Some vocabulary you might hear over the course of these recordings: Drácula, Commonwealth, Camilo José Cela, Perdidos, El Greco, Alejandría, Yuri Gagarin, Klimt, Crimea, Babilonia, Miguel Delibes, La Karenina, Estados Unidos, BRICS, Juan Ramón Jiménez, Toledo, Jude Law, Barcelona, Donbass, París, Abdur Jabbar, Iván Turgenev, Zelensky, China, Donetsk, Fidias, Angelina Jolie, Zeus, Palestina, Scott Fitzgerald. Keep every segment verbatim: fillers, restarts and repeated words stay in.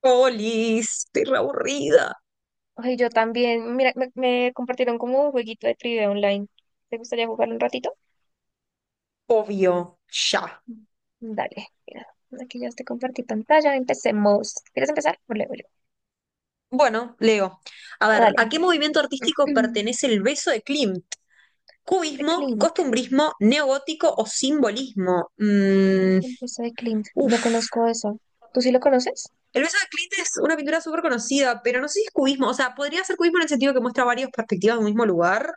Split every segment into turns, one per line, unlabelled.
Polis, estoy re aburrida.
Ay, yo también. Mira, me, me compartieron como un jueguito de trivia online. ¿Te gustaría jugar un ratito?
Obvio, ya.
Mm. Dale, mira. Aquí ya te compartí pantalla. Empecemos. ¿Quieres empezar? O leo yo.
Bueno, leo. A
Ah,
ver, ¿a
Dale.
qué movimiento artístico pertenece el beso de Klimt?
De
¿Cubismo,
Clint.
costumbrismo, neogótico o simbolismo? Mm,
Empieza de Clint.
uf.
No conozco eso. ¿Tú sí lo conoces?
El beso de Klimt es una pintura súper conocida, pero no sé si es cubismo. O sea, podría ser cubismo en el sentido que muestra varias perspectivas de un mismo lugar,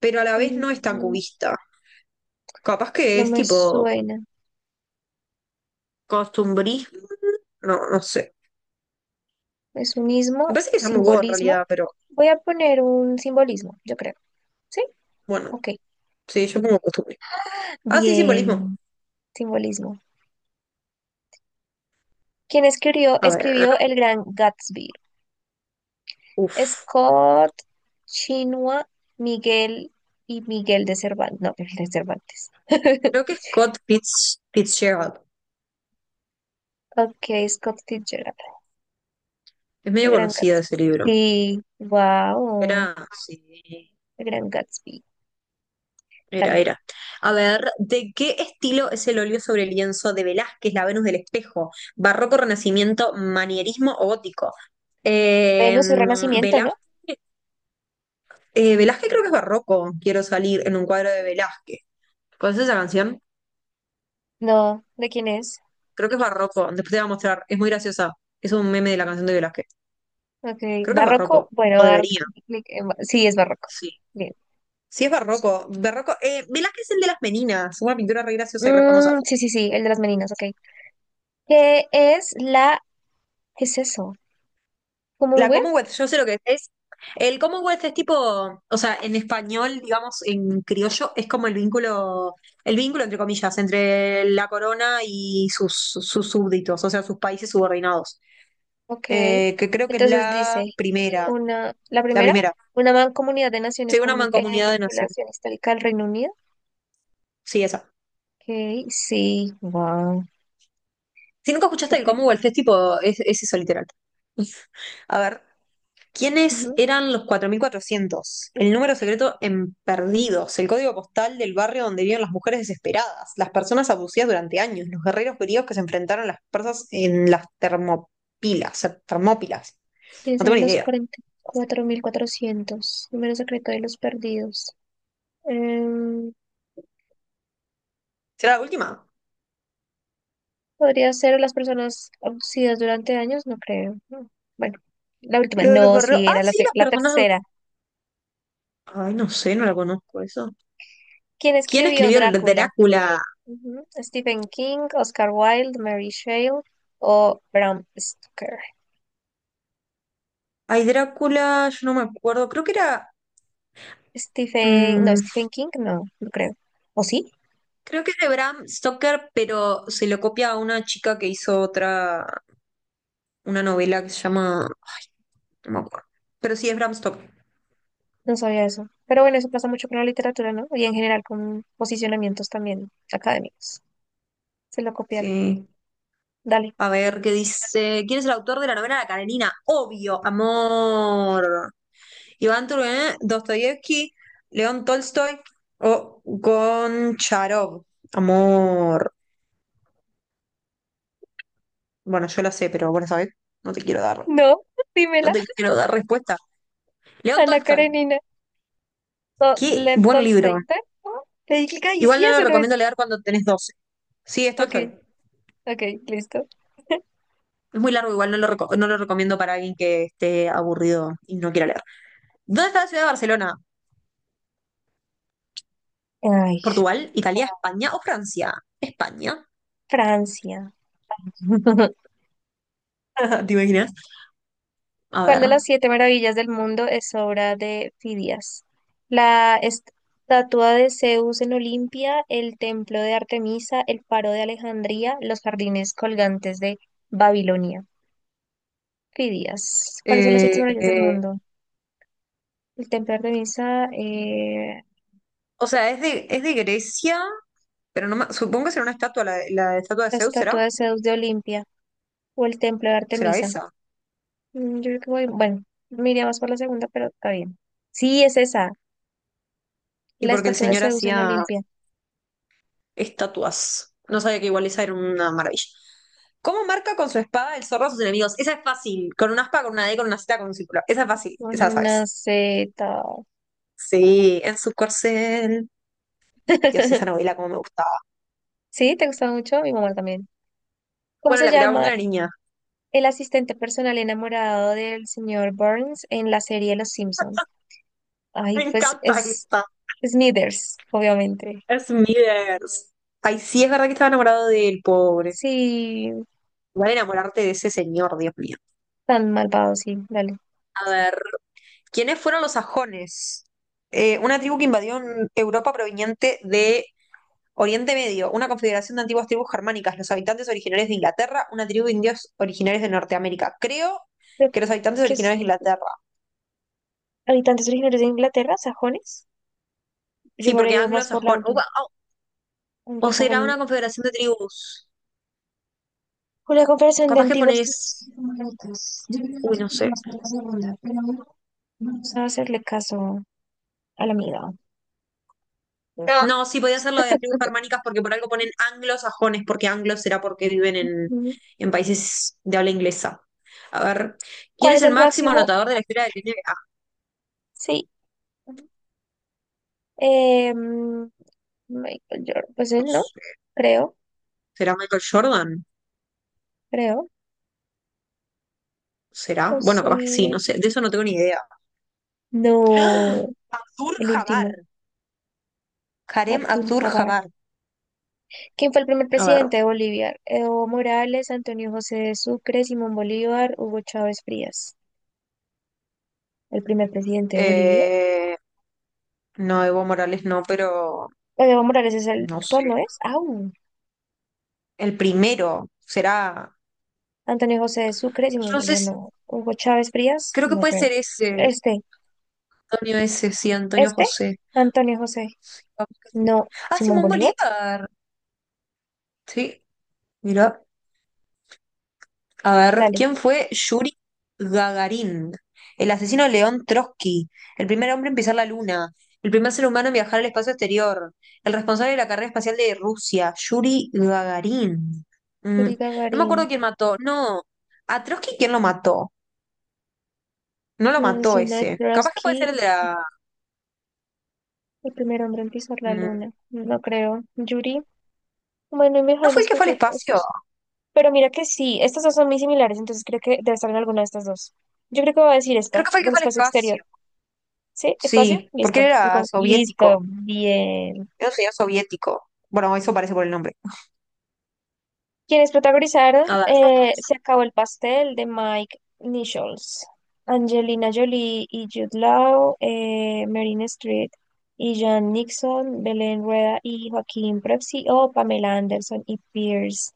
pero a la vez no es tan
Mm,
cubista. Capaz que
no
es
me
tipo
suena.
costumbrismo. No, no sé.
Es un
Me
ismo,
parece que es Among Go en
simbolismo.
realidad, pero
Voy a poner un simbolismo, yo creo. ¿Sí?
bueno,
Ok.
sí, yo pongo costumbre. Ah, sí, simbolismo.
Bien. Simbolismo. ¿Quién escribió,
A ver,
escribió El Gran Gatsby?
uff.
Scott, Chinua, Miguel y Miguel de Cervantes. No, Miguel de Cervantes.
Creo que es Scott Fitz, Fitzgerald.
Ok, Scott Fitzgerald,
Es
el
medio
gran
conocido
Gatsby.
ese libro.
Sí, wow,
Era, sí,
el gran Gatsby.
era,
Dale.
era. A ver, ¿de qué estilo es el óleo sobre lienzo de Velázquez, La Venus del Espejo? ¿Barroco, Renacimiento, Manierismo o Gótico? Eh,
Venus y Renacimiento,
Velá-
¿no?
eh, Velázquez creo que es barroco. Quiero salir en un cuadro de Velázquez. ¿Conoces esa canción?
No, ¿de quién es?
Creo que es barroco. Después te voy a mostrar. Es muy graciosa. Es un meme de la canción de Velázquez.
Ok,
Creo que es
barroco.
barroco.
Bueno,
O
dar
debería.
clic en ba- sí, es barroco.
Sí.
Bien.
Sí, es barroco. Barroco. Eh, Velázquez es el de las meninas. Una pintura re graciosa y re famosa.
Mm, sí, sí, sí, el de las meninas, ok. ¿Qué es la... ¿Qué es eso?
La
¿Commonwealth?
Commonwealth, yo sé lo que es. El Commonwealth es tipo, o sea, en español, digamos, en criollo, es como el vínculo, el vínculo entre comillas, entre la corona y sus, sus súbditos, o sea, sus países subordinados.
Ok.
Eh, que creo que es
Entonces
la
dice,
primera,
una, la
la
primera,
primera.
una mancomunidad de naciones
Sí, una
con eh,
mancomunidad de naciones.
vinculación histórica al Reino Unido.
Sí, esa.
Ok, sí, wow.
Si nunca
Qué
escuchaste el
pela.
Commonwealth es tipo, es, es eso literal. A ver, ¿quiénes
Ujú.
eran los cuatro mil cuatrocientos? ¿El número secreto en Perdidos, el código postal del barrio donde vivían las mujeres desesperadas, las personas abusivas durante años, los guerreros griegos que se enfrentaron a las persas en las termopilas, eh, termópilas?
¿Quiénes
No tengo
eran
ni
los
idea.
cuarenta y cuatro mil cuatrocientos? Número secreto de los perdidos. Em,
¿Será la última?
¿Podría ser las personas abducidas durante años? No creo. No. Bueno, la última.
Lo de los
No,
guerreros.
sí,
Ah,
era la,
sí,
se-
las
la
personas.
tercera.
Ay, no sé, no la conozco eso.
¿Quién
¿Quién
escribió
escribió el
Drácula?
Drácula?
Ujú. Stephen King, Oscar Wilde, Mary Shelley o Bram Stoker.
Ay, Drácula, yo no me acuerdo. Creo que era.
Stephen, no,
mm,
Stephen King, no, no creo. ¿O sí?
Creo que es de Bram Stoker, pero se lo copia a una chica que hizo otra, una novela que se llama, ay, no me acuerdo. Pero sí es Bram Stoker.
No sabía eso. Pero bueno, eso pasa mucho con la literatura, ¿no? Y en general con posicionamientos también académicos. Se lo copiaron.
Sí.
Dale.
A ver, ¿qué dice? ¿Quién es el autor de la novela La Karenina? Obvio, amor. Iván Turgenev, Dostoyevsky, León Tolstoy o Goncharov. Amor. Bueno, yo la sé, pero bueno, ¿sabes? No te quiero dar,
No,
no
dímela.
te quiero dar respuesta. León
Ana
Tolstoy.
Karenina. No,
Qué
Lev
buen libro.
Tolstoy. Dale, no. Le di clic ahí,
Igual
sí,
no lo
eso no
recomiendo
es.
leer cuando tenés doce. Sí, esto
Ok,
estoy.
ok, listo.
Es muy largo, igual no lo, reco- no lo recomiendo para alguien que esté aburrido y no quiera leer. ¿Dónde está la ciudad de Barcelona?
Ay,
¿Portugal? ¿Italia? ¿España o Francia? España.
Francia.
¿Te imaginas? A
¿Cuál
ver.
de las siete maravillas del mundo es obra de Fidias? La estatua de Zeus en Olimpia, el templo de Artemisa, el faro de Alejandría, los jardines colgantes de Babilonia. Fidias. ¿Cuáles son las siete
Eh,
maravillas del
eh,
mundo? El templo de Artemisa, eh,
o sea, es de, es de Grecia, pero no me- supongo que será una estatua, la, la estatua de
la
Zeus, ¿será?
estatua de Zeus de Olimpia o el templo de
¿Será
Artemisa.
esa?
Mm, Yo creo que voy, bueno, me iría más por la segunda, pero está bien. Sí, es esa,
Y
la
porque el
estatua de
señor
Zeus en
hacía
Olimpia.
estatuas. No sabía que igual esa era una maravilla. ¿Cómo marca con su espada el zorro a sus enemigos? Esa es fácil. Con una aspa, con una D, con una Z, con un círculo. Esa es fácil.
Con
Esa la
una
sabes.
Z.
Sí, en su corcel. Dios, esa novela como me gustaba.
¿Sí? ¿Te gustaba mucho? A mi mamá también. ¿Cómo
Bueno,
se
la miraba cuando
llama
era niña.
el asistente personal enamorado del señor Burns en la serie Los Simpson? Ay,
Me
pues
encanta
es
esta.
Smithers, obviamente.
Smithers. Ay, sí, es verdad que estaba enamorado de él, pobre.
Sí,
Igual enamorarte de ese señor, Dios mío.
tan malvado, sí, dale.
A ver, ¿quiénes fueron los sajones? Eh, ¿una tribu que invadió en Europa proveniente de Oriente Medio, una confederación de antiguas tribus germánicas, los habitantes originarios de Inglaterra, una tribu de indios originarios de Norteamérica? Creo
Creo
que los habitantes
que es
originarios de Inglaterra.
habitantes originarios de Inglaterra, sajones. Yo
Sí,
me habría
porque
ido más por la
anglosajón. O,
última,
o- o
anglosajón.
será una confederación de tribus.
Una conversación de
Capaz que
antiguos
pones.
tribus germánicas. Yo creo
Uy,
que me
no
iría
sé.
más por la segunda, pero bueno, vamos a hacerle caso a la amiga. No.
No, sí, podía ser lo de las tribus germánicas porque por algo ponen anglosajones, porque anglos será porque viven en,
Mm.
en países de habla inglesa. A ver, ¿quién
¿Cuál
es
es
el
el
máximo
máximo?
anotador de la historia del N B A?
Sí. Eh, mm, Michael Jordan, pues
No
él no,
sé.
creo,
¿Será Michael Jordan?
creo.
¿Será?
Pues
Bueno, capaz que sí, no
eh,
sé. De eso no tengo ni idea.
no,
Abdur
el
Jabbar.
último,
Harem
Abdul
Abdur
Jabbar.
Jabbar.
¿Quién fue el primer
A ver.
presidente de Bolivia? Evo Morales, Antonio José de Sucre, Simón Bolívar, Hugo Chávez Frías. El primer presidente de Bolivia.
eh, no, Evo Morales no, pero
Pues, Evo Morales es el
no
actual,
sé.
¿no es? ¡Au!
El primero será.
Antonio José de Sucre, Simón Bolívar,
Entonces,
no. Hugo Chávez Frías,
creo que
no
puede
creo.
ser ese.
Este,
Antonio ese, sí, Antonio
este,
José.
Antonio José,
Vamos que sí.
no.
Ah,
Simón
Simón
Bolívar,
Bolívar. Sí, mira. A ver,
dale.
¿quién fue Yuri Gagarin? ¿El asesino de León Trotsky, el primer hombre en pisar la luna, el primer ser humano en viajar al espacio exterior, el responsable de la carrera espacial de Rusia? Yuri Gagarin. Mm,
Yuri
no me
Gagarin.
acuerdo quién mató. No, a Trotsky, ¿quién lo mató? No lo mató
Asesina de
ese. Capaz que puede
Trotsky,
ser el de la...
el primer hombre en pisar la
mm,
luna. No creo. Yuri. Bueno, y
¿no
mejor
fue
las
el que fue al espacio?
propuestas. Pero mira que sí, estas dos son muy similares, entonces creo que debe estar en alguna de estas dos. Yo creo que voy a decir esta,
Creo que fue el que
del
fue al
espacio exterior.
espacio.
¿Sí? ¿Espacio?
Sí, porque
Listo.
él
El
era
con- Listo,
soviético.
bien.
Era un señor soviético. Bueno, eso parece por el nombre.
Quienes protagonizaron
A ver.
eh, Se acabó el pastel de Mike Nichols, Angelina Jolie y Jude Law, eh, Meryl Streep y Jan Nixon, Belén Rueda y Joaquín Prepsi o Pamela Anderson y Pierce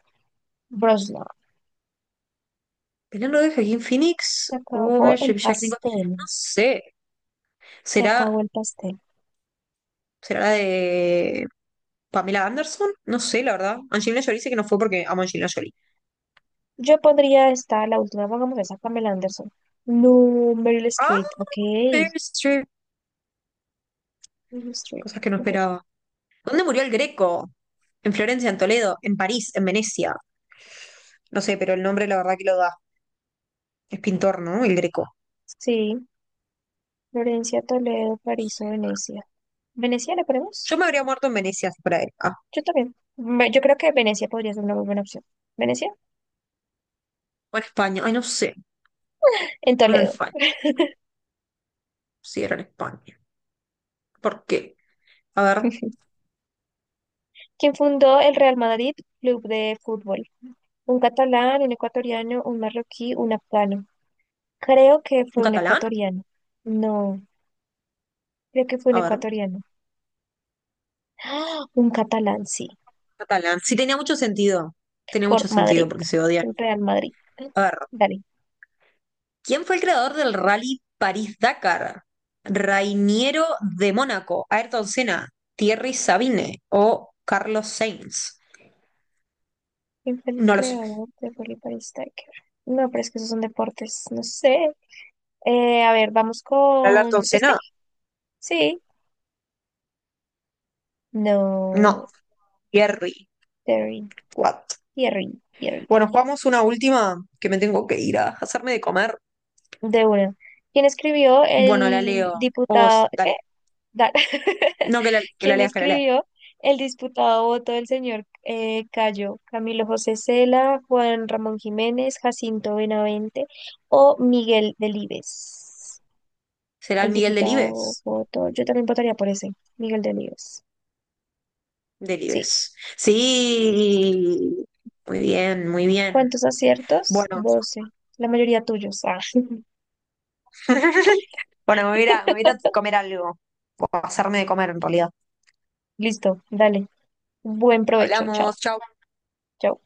Brosnan.
¿Penal de Joaquín Phoenix
Se
o
acabó
Mary
el
Shelley Jack Nicholson?
pastel.
No sé.
Se acabó
¿Será,
el pastel.
¿será la de Pamela Anderson? No sé, la verdad. Angelina Jolie dice que no fue porque amo a Angelina Jolie.
Yo pondría esta, la última, pongamos esa, Pamela Anderson. No, Meryl
¡Ah!
Streep, ok.
Meryl Streep.
Meryl Streep,
Cosas que no
ok.
esperaba. ¿Dónde murió el Greco? ¿En Florencia, en Toledo, en París, en Venecia? No sé, pero el nombre la verdad que lo da. Es pintor, ¿no? El Greco.
Sí, Florencia, Toledo, París o Venecia. ¿Venecia le ponemos?
Yo me habría muerto en Venecia si fuera él. Ah,
Yo también. Ve- Yo creo que Venecia podría ser una muy buena opción. ¿Venecia?
o en España. Ay, no sé.
En
O en
Toledo.
España. Sí, era en España. ¿Por qué? A ver,
¿Quién fundó el Real Madrid Club de Fútbol? Un catalán, un ecuatoriano, un marroquí, un afgano. Creo que
¿un
fue un
catalán?
ecuatoriano. No, creo que fue un
A ver.
ecuatoriano. ¡Ah! Un catalán, sí.
Catalán. Sí, tenía mucho sentido. Tenía
Por
mucho
Madrid,
sentido porque se odian.
el Real Madrid.
A ver,
Dale.
¿quién fue el creador del Rally París-Dakar? ¿Rainiero de Mónaco, Ayrton Senna, Thierry Sabine o Carlos Sainz?
¿Quién fue el
No lo sé.
creador de Rolly Paris Tiger? No, pero es que esos son deportes. No sé. Eh, a ver, vamos
¿Era Ayrton
con este.
Senna?
Sí.
No,
No,
Thierry.
Terry,
What?
Thierry, Thierry.
Bueno, jugamos una última que me tengo que ir a hacerme de comer.
De una. ¿Quién escribió
Bueno, la
el
leo. O
diputado,
vos,
qué?
dale.
Da-
No, que la, que la
¿Quién
leas, que la leas.
escribió el disputado voto del señor eh, Cayo? ¿Camilo José Cela, Juan Ramón Jiménez, Jacinto Benavente o Miguel Delibes?
¿Será el
El
Miguel
diputado
Delibes?
voto, yo también votaría por ese, Miguel Delibes. Sí.
Delibes. Sí, muy bien, muy bien.
¿Cuántos aciertos?
Bueno,
Doce. La mayoría tuyos. Ah,
bueno, me voy a ir a- me voy a ir a comer algo, o hacerme de comer en realidad.
listo, dale. Buen provecho. Chao.
Hablamos, chao.
Chao.